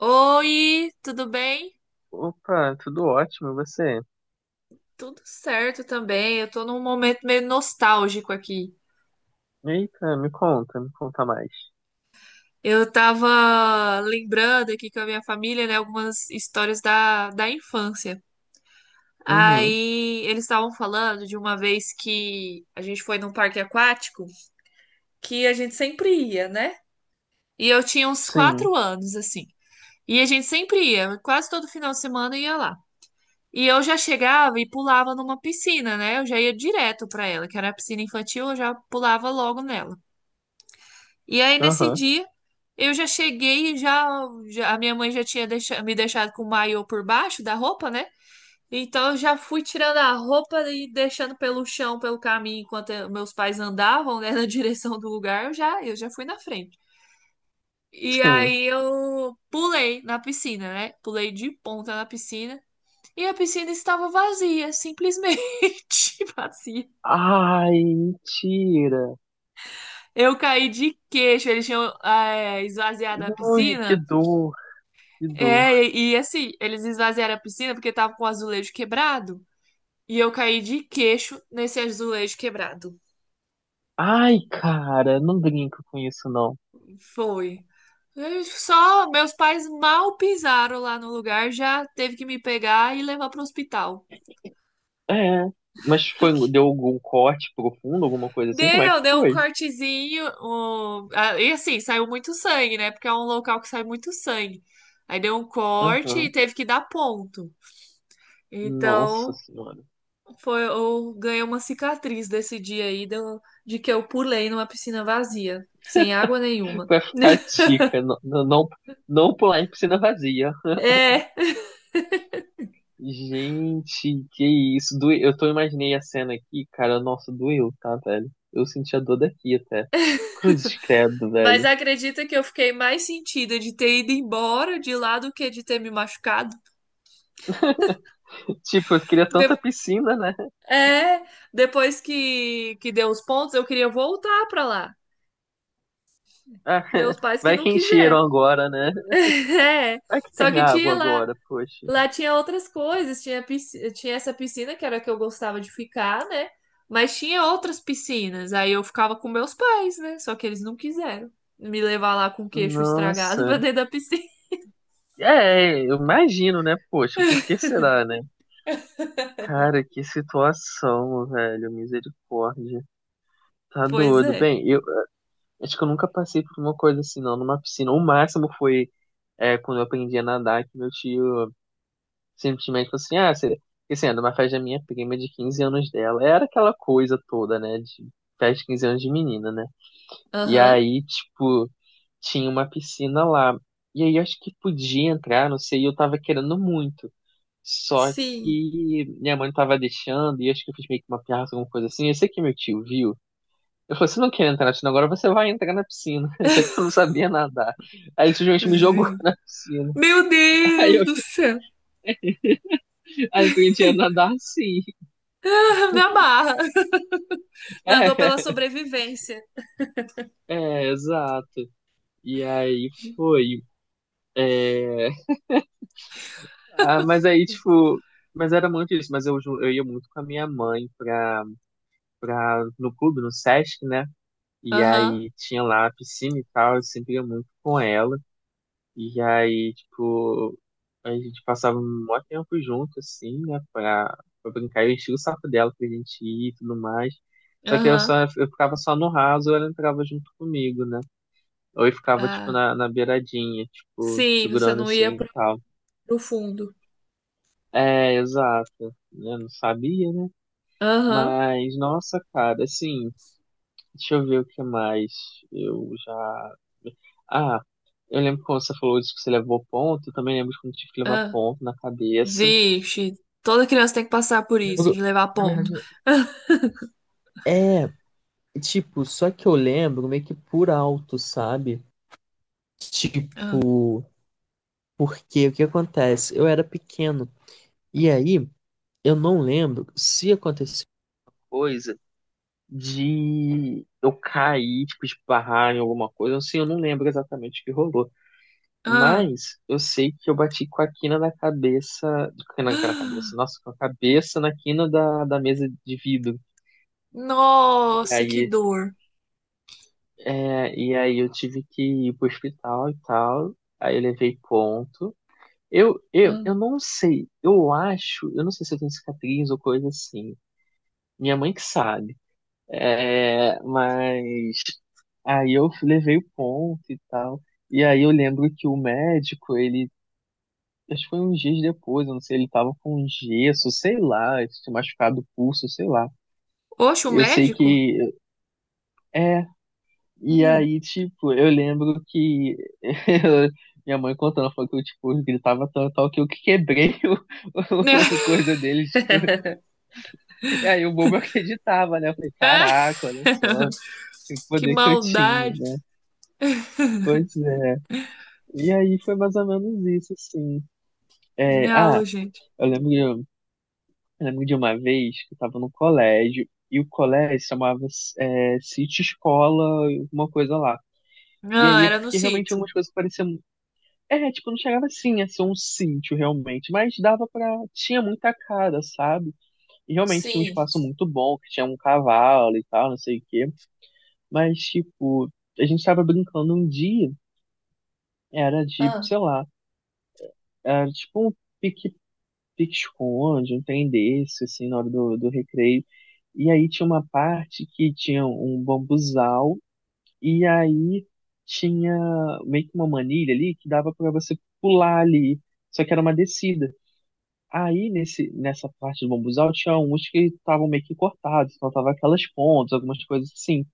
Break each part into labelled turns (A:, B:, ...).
A: Oi, tudo bem?
B: Opa, tudo ótimo, e você?
A: Tudo certo também. Eu tô num momento meio nostálgico aqui.
B: Eita, me conta mais.
A: Eu tava lembrando aqui com a minha família, né, algumas histórias da infância.
B: Uhum,
A: Aí eles estavam falando de uma vez que a gente foi num parque aquático, que a gente sempre ia, né? E eu tinha uns
B: sim,
A: 4 anos, assim. E a gente sempre ia, quase todo final de semana ia lá. E eu já chegava e pulava numa piscina, né? Eu já ia direto pra ela, que era a piscina infantil, eu já pulava logo nela. E aí nesse
B: aham,
A: dia eu já cheguei e a minha mãe já tinha me deixado com o maiô por baixo da roupa, né? Então eu já fui tirando a roupa e deixando pelo chão, pelo caminho, enquanto meus pais andavam, né, na direção do lugar, eu já fui na frente. E
B: sim.
A: aí eu pulei na piscina, né? Pulei de ponta na piscina. E a piscina estava vazia, simplesmente vazia.
B: Ai, mentira.
A: Eu caí de queixo, eles tinham esvaziado a
B: Ui, que
A: piscina.
B: dor, que dor.
A: É, e, assim, eles esvaziaram a piscina porque tava com o azulejo quebrado. E eu caí de queixo nesse azulejo quebrado.
B: Ai, cara, não brinca com isso, não.
A: Foi. Eu Só meus pais mal pisaram lá no lugar, já teve que me pegar e levar pro hospital.
B: É, mas foi, deu algum corte profundo, alguma coisa assim? Como é que
A: Deu um
B: foi?
A: cortezinho. E assim, saiu muito sangue, né? Porque é um local que sai muito sangue. Aí deu um corte
B: Aham.
A: e teve que dar ponto.
B: Nossa
A: Então,
B: Senhora.
A: foi, eu ganhei uma cicatriz desse dia aí de que eu pulei numa piscina vazia, sem água nenhuma.
B: Vai ficar tica, não, não, não não pular em piscina vazia.
A: É,
B: Gente, que isso. Eu tô imaginei a cena aqui, cara. Nossa, doeu, tá, velho? Eu senti a dor daqui até. Cruzes credo,
A: mas
B: velho.
A: acredita que eu fiquei mais sentida de ter ido embora de lá do que de ter me machucado?
B: Tipo, eu queria tanta
A: De-
B: piscina, né?
A: É, depois que deu os pontos, eu queria voltar pra lá.
B: Ah,
A: Meus pais que
B: vai
A: não
B: que encheram
A: quiseram.
B: agora, né?
A: É,
B: Vai que
A: só
B: tem
A: que
B: água
A: tinha lá,
B: agora, poxa.
A: lá tinha outras coisas, tinha essa piscina que era a que eu gostava de ficar, né? Mas tinha outras piscinas, aí eu ficava com meus pais, né? Só que eles não quiseram me levar lá com o queixo estragado pra
B: Nossa.
A: dentro da piscina.
B: É, eu imagino, né? Poxa, por que será, né? Cara, que situação, velho. Misericórdia. Tá
A: Pois
B: doido.
A: é.
B: Bem, eu Acho que eu nunca passei por uma coisa assim, não, numa piscina. O máximo foi quando eu aprendi a nadar, que meu tio simplesmente falou assim, ah, porque, assim, era numa festa da minha prima de 15 anos dela. Era aquela coisa toda, né, de festa de 15 anos de menina, né? E
A: Aham.
B: aí, tipo, tinha uma piscina lá. E aí, eu acho que podia entrar, não sei, e eu tava querendo muito. Só
A: Sim.
B: que minha mãe não tava deixando, e acho que eu fiz meio que uma piada, alguma coisa assim. Eu sei que meu tio viu, eu falei, você não quer entrar na piscina agora, você vai entrar na piscina. Só que eu não sabia nadar. Aí ele simplesmente me jogou
A: Sim.
B: na piscina.
A: Meu
B: Aí
A: Deus
B: eu
A: do céu.
B: Aí eu aprendi a nadar assim.
A: Me amarra. Nadou pela sobrevivência.
B: É, é, exato. E aí foi. É... Ah, mas aí, tipo, mas era muito isso. Mas eu, eu ia muito com a minha mãe no clube, no Sesc, né? E
A: Aham.
B: aí tinha lá a piscina e tal, eu sempre ia muito com ela. E aí, tipo, a gente passava um maior tempo junto, assim, né, pra brincar. Eu enchia o saco dela pra gente ir e tudo mais. Só que eu
A: Aham.
B: só, eu ficava só no raso, ou ela entrava junto comigo, né? Ou eu ficava, tipo,
A: Ah.
B: na beiradinha, tipo,
A: Sim, você
B: segurando
A: não ia
B: assim e tal.
A: pro fundo.
B: É, exato. Né, não sabia, né?
A: Aham.
B: Mas, nossa, cara, assim. Deixa eu ver o que mais eu já. Ah, eu lembro quando você falou disso que você levou ponto, eu também lembro de quando eu tive que levar
A: Ah.
B: ponto na cabeça.
A: Vixe, toda criança tem que passar por isso,
B: Lembro-
A: de levar
B: Na
A: ponto.
B: verdade, é, tipo, só que eu lembro meio que por alto, sabe?
A: Ah,
B: Tipo, porque o que acontece? Eu era pequeno, e aí eu não lembro se aconteceu coisa de eu cair, tipo, de barrar em alguma coisa, assim, eu não lembro exatamente o que rolou.
A: ah,
B: Mas eu sei que eu bati com a quina da cabeça. Com a cabeça,
A: ah.
B: nossa, com a cabeça na quina da mesa de vidro. E
A: Nossa, que
B: aí,
A: dor.
B: e aí eu tive que ir pro hospital e tal. Aí eu levei ponto. Eu, eu,
A: Ah.
B: eu não sei, eu acho, eu não sei se eu tenho cicatriz ou coisa assim. Minha mãe que sabe. É, mas aí eu levei o ponto e tal. E aí eu lembro que o médico, ele Acho que foi uns dias depois, eu não sei, ele tava com gesso, sei lá, ele tinha machucado o pulso, sei lá.
A: Oxe, o
B: Eu sei
A: médico?
B: que. É, e
A: Hum.
B: aí, tipo, eu lembro que. Minha mãe contando, falou que eu, tipo, gritava tanto tal que eu que quebrei o, o coisa dele, tipo. E aí o bobo acreditava, né? Eu falei,
A: Ah,
B: caraca, olha só, que
A: que
B: poder que eu tinha,
A: maldade.
B: né? Pois é. E aí foi mais ou menos isso, assim. É, ah,
A: Não, gente.
B: eu lembro. Eu lembro de uma vez que eu estava no colégio e o colégio se chamava City Escola, alguma coisa lá. E
A: Não,
B: aí é
A: era no
B: porque realmente
A: sítio.
B: algumas coisas pareciam. É, tipo, não chegava assim a ser um sítio realmente, mas dava pra. Tinha muita cara, sabe? E realmente tinha um
A: Sim.
B: espaço muito bom, que tinha um cavalo e tal, não sei o quê. Mas, tipo, a gente estava brincando um dia, era de,
A: Ah.
B: sei lá, era tipo um pique pique-esconde, um trem desse, assim, na hora do recreio. E aí tinha uma parte que tinha um bambuzal, e aí tinha meio que uma manilha ali que dava para você pular ali, só que era uma descida. Aí nessa parte do bambuzal tinha uns que estavam meio que cortados, faltava aquelas pontas, algumas coisas assim.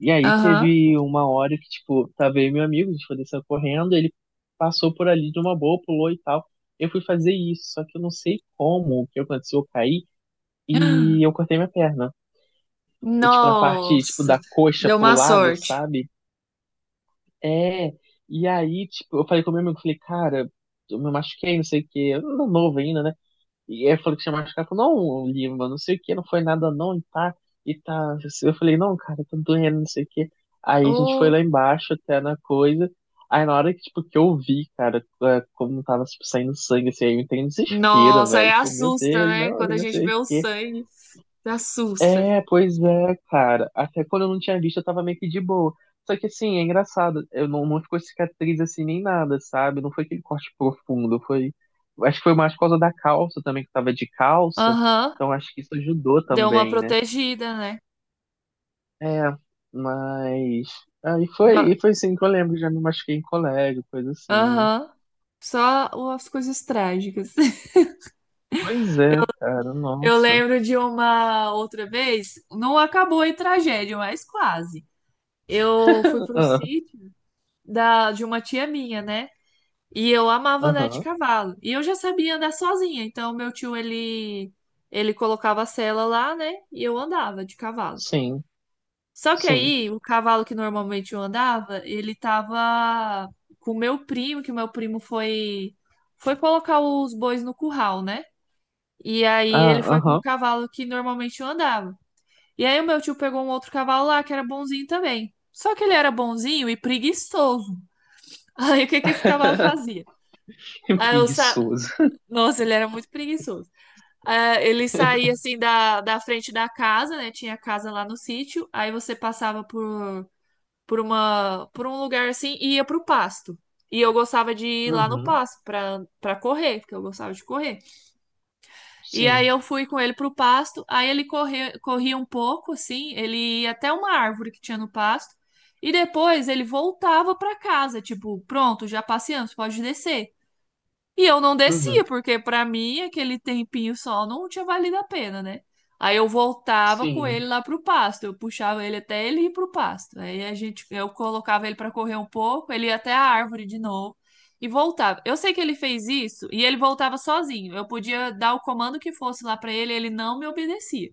B: E aí
A: Aham.
B: teve uma hora que, tipo, tava aí meu amigo, a gente foi descer correndo, ele passou por ali de uma boa, pulou e tal. Eu fui fazer isso, só que eu não sei como, o que aconteceu, eu caí e eu cortei minha perna. E, tipo, na parte, tipo,
A: Nossa,
B: da coxa
A: deu
B: pro
A: uma
B: lado,
A: sorte.
B: sabe? É, e aí, tipo, eu falei com meu amigo, falei, cara, eu me machuquei, não sei o quê, eu era novo ainda, né? E aí eu falei que tinha machucado. Falou, não, Lima, não sei o que, não foi nada não, e tá, e tá. Eu falei, não, cara, tá doendo, não sei o que. Aí a gente foi lá
A: Oh,
B: embaixo até na coisa. Aí na hora que, tipo, que eu vi, cara, como tava, tipo, saindo sangue, assim, aí eu entrei em desespero,
A: nossa, aí
B: velho. Falei, meu
A: assusta,
B: Deus,
A: né?
B: não,
A: Quando
B: eu
A: a
B: não
A: gente
B: sei
A: vê
B: o
A: o
B: que.
A: sangue, assusta.
B: É, pois é, cara. Até quando eu não tinha visto, eu tava meio que de boa. Só que assim, é engraçado. Eu não, não ficou cicatriz assim nem nada, sabe? Não foi aquele corte profundo. Foi. Acho que foi mais por causa da calça também, que eu tava de calça.
A: Aham,
B: Então acho que isso ajudou
A: deu uma
B: também, né?
A: protegida, né?
B: É, mas. Aí foi,
A: No-
B: e foi assim que eu lembro, já me machuquei em colégio, coisa assim. Né?
A: Aham. Só as coisas trágicas.
B: Pois é, cara,
A: Eu
B: nossa.
A: lembro de uma outra vez, não acabou em tragédia, mas quase. Eu fui pro
B: Ah.
A: sítio de uma tia minha, né? E eu amava andar de
B: Aham,
A: cavalo. E eu já sabia andar sozinha, então meu tio ele colocava a sela lá, né? E eu andava de cavalo.
B: sim,
A: Só que
B: sim.
A: aí, o cavalo que normalmente eu andava, ele tava com o meu primo, que o meu primo foi colocar os bois no curral, né? E aí
B: Ah,
A: ele foi com o
B: aham.
A: cavalo que normalmente eu andava. E aí o meu tio pegou um outro cavalo lá que era bonzinho também. Só que ele era bonzinho e preguiçoso. Aí o que que esse cavalo fazia?
B: Que
A: Aí eu sa...
B: preguiçoso.
A: Nossa, ele era muito preguiçoso. Ah, ele saía assim da frente da casa, né? Tinha casa lá no sítio. Aí você passava por por um lugar assim e ia pro pasto. E eu gostava de ir lá no
B: Uhum.
A: pasto pra correr, porque eu gostava de correr. E aí
B: Sim.
A: eu fui com ele pro pasto, aí ele corria um pouco, assim, ele ia até uma árvore que tinha no pasto, e depois ele voltava pra casa, tipo, pronto, já passeamos, pode descer. E eu não descia,
B: Uhum.
A: porque pra mim aquele tempinho só não tinha valido a pena, né? Aí eu voltava com
B: Sim.
A: ele lá pro pasto, eu puxava ele até ele ir pro pasto. Aí eu colocava ele pra correr um pouco, ele ia até a árvore de novo e voltava. Eu sei que ele fez isso e ele voltava sozinho. Eu podia dar o comando que fosse lá pra ele, ele não me obedecia.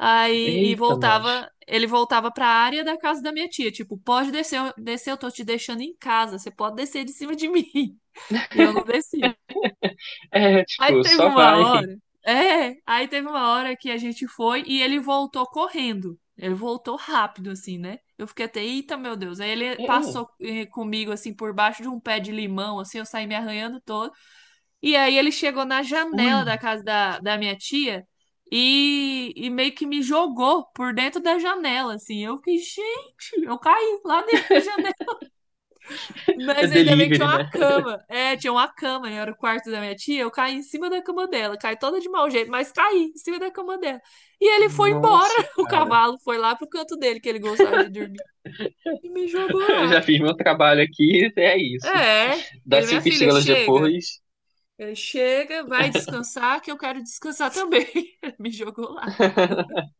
B: Eita, nós.
A: Ele voltava pra área da casa da minha tia, tipo, pode descer, descer, eu tô te deixando em casa, você pode descer de cima de mim. E eu não descia.
B: É,
A: Aí
B: tipo,
A: teve
B: só
A: uma
B: vai.
A: hora. É, aí teve uma hora que a gente foi e ele voltou correndo. Ele voltou rápido, assim, né? Eu fiquei até, eita, meu Deus. Aí ele
B: É, é.
A: passou comigo, assim, por baixo de um pé de limão, assim, eu saí me arranhando todo. E aí ele chegou na janela da
B: Ui.
A: casa da minha tia e meio que me jogou por dentro da janela, assim. Eu fiquei, gente, eu caí lá dentro da janela.
B: É
A: Mas ainda bem que tinha
B: delivery,
A: uma
B: né?
A: cama. É, tinha uma cama, né? Era o quarto da minha tia. Eu caí em cima da cama dela. Caí toda de mau jeito, mas caí em cima da cama dela. E ele foi embora.
B: Nossa,
A: O
B: cara.
A: cavalo foi lá pro canto dele, que ele gostava de dormir. E me jogou lá.
B: Já fiz meu trabalho aqui, é isso.
A: É,
B: Dá
A: ele, minha
B: cinco
A: filha,
B: estrelas
A: chega.
B: depois.
A: Ele chega, vai descansar, que eu quero descansar também. Ele me jogou lá.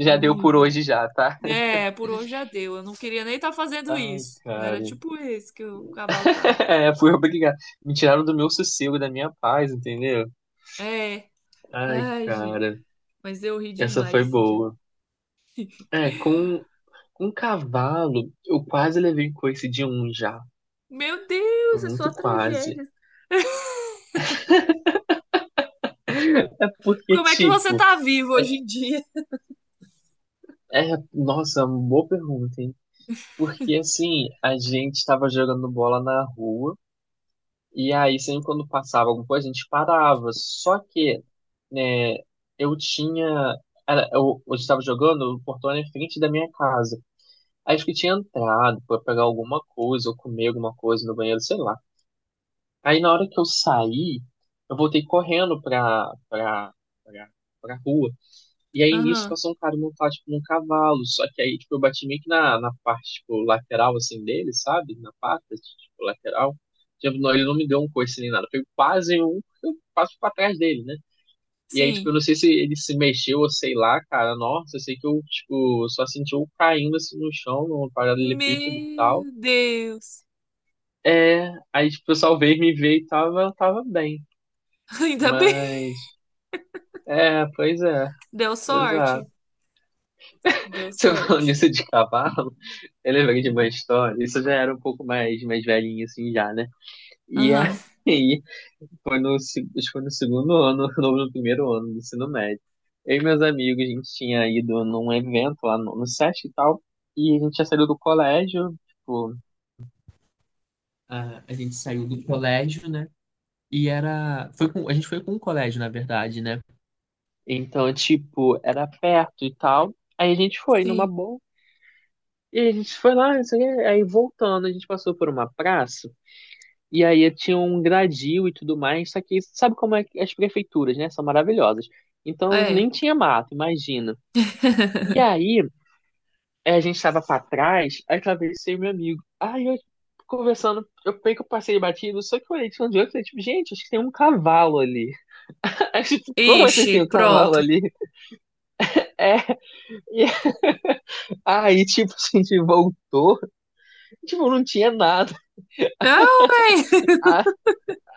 B: Já deu
A: Ai,
B: por hoje
A: gente.
B: já, tá?
A: É, por hoje já deu. Eu não queria nem estar fazendo
B: Ai,
A: isso. Era
B: cara.
A: tipo esse que o cavalo tava.
B: É, fui obrigado. Me tiraram do meu sossego, da minha paz, entendeu?
A: É.
B: Ai,
A: Ai, gente.
B: cara.
A: Mas eu ri
B: Essa
A: demais
B: foi
A: esse dia.
B: boa. É, com, um cavalo, eu quase levei coice de um já.
A: Meu Deus, é só
B: Muito quase.
A: tragédia.
B: É porque,
A: Como é que você
B: tipo,
A: tá vivo hoje em dia?
B: nossa, boa pergunta, hein? Porque, assim, a gente tava jogando bola na rua, e aí sempre quando passava alguma coisa, a gente parava. Só que, né, eu tinha. Era, eu estava jogando, o portão era em frente da minha casa. Acho que tinha entrado pra pegar alguma coisa, ou comer alguma coisa no banheiro, sei lá. Aí na hora que eu saí, eu voltei correndo pra, pra rua. E aí nisso
A: Aham,
B: passou um cara montado, tipo, num cavalo. Só que aí, tipo, eu bati meio que na parte, tipo, lateral, assim, dele, sabe? Na pata, tipo, lateral. Tipo, não, ele não me deu um coice nem nada. Foi quase um, eu passo pra trás dele, né? E aí, tipo,
A: sim.
B: eu não sei se ele se mexeu ou sei lá, cara. Nossa, eu sei que eu, tipo, só senti eu caindo, assim, no chão, numa paralelepípedo e tal.
A: Meu Deus.
B: É, aí, tipo, eu salvei, me veio e tava bem.
A: Ainda bem.
B: Mas, pois é,
A: Deu
B: exato.
A: sorte? Deu
B: Você falando
A: sorte.
B: isso de cavalo, eu lembrei de uma história. Isso já era um pouco mais velhinho, assim, já, né? E
A: Aham,
B: aí, foi acho que foi no segundo ano, ou no primeiro ano do ensino médio. Eu e meus amigos, a gente tinha ido num evento lá no SESC e tal, e a gente tinha saído do colégio, tipo, a gente saiu do colégio, né? E era. A gente foi com o colégio, na verdade, né? Então, tipo, era perto e tal. Aí a gente foi numa
A: sim.
B: boa. E a gente foi lá, não sei o quê. Aí voltando, a gente passou por uma praça. E aí tinha um gradil e tudo mais. Só que sabe como é que as prefeituras, né? São maravilhosas. Então
A: É.
B: nem tinha mato, imagina. E aí a gente tava pra trás, aí atravessei meu amigo. Aí eu conversando, eu peguei que eu passei batido, só que eu olhei de onde eu falei, tipo, gente, acho que tem um cavalo ali. Aí, tipo, como assim
A: Ixi,
B: tem um cavalo
A: pronto.
B: ali? É, e aí, tipo, a gente voltou, tipo, não tinha nada.
A: Não, véi.
B: Ah,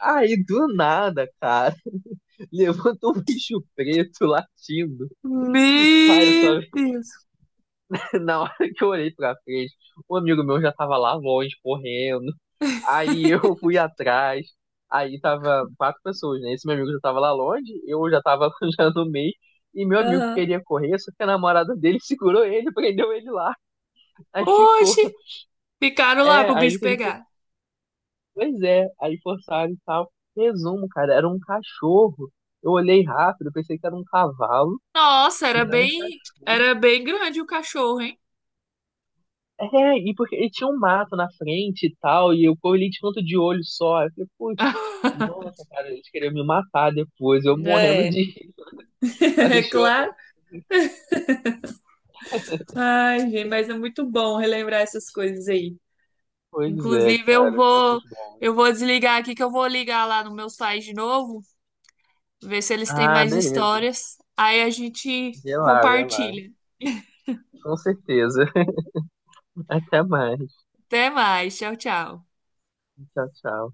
B: aí, do nada, cara. Levantou um bicho preto latindo. Cara, só
A: Meu Deus.
B: na hora que eu olhei pra frente, um amigo meu já tava lá longe, correndo. Aí eu fui atrás. Aí tava quatro pessoas, né? Esse meu amigo já tava lá longe, eu já tava já no meio. E meu amigo
A: Aham.
B: queria correr, só que a namorada dele segurou ele, prendeu ele lá. Aí ficou.
A: Oxe, ficaram lá
B: É,
A: pro
B: aí
A: bicho
B: ele teve que.
A: pegar.
B: Pois é, aí forçaram e tal. Resumo, cara, era um cachorro. Eu olhei rápido, pensei que era um cavalo,
A: Nossa,
B: mas era um cachorro.
A: era bem grande o cachorro, hein?
B: É, e porque ele tinha um mato na frente e tal, e eu corri de canto de olho só. Eu falei, putz, nossa, cara, eles queriam me matar depois, eu morrendo de
A: É.
B: rir,
A: É
B: quase
A: claro.
B: chorando.
A: Ai, gente, mas é muito bom relembrar essas coisas aí.
B: Pois é,
A: Inclusive,
B: cara, tempos bons.
A: eu vou desligar aqui que eu vou ligar lá no meu site de novo, ver se eles têm
B: Ah,
A: mais
B: beleza.
A: histórias. Aí a gente
B: Vê lá, vê lá.
A: compartilha.
B: Com certeza. Até mais.
A: Até mais. Tchau, tchau.
B: Tchau, tchau.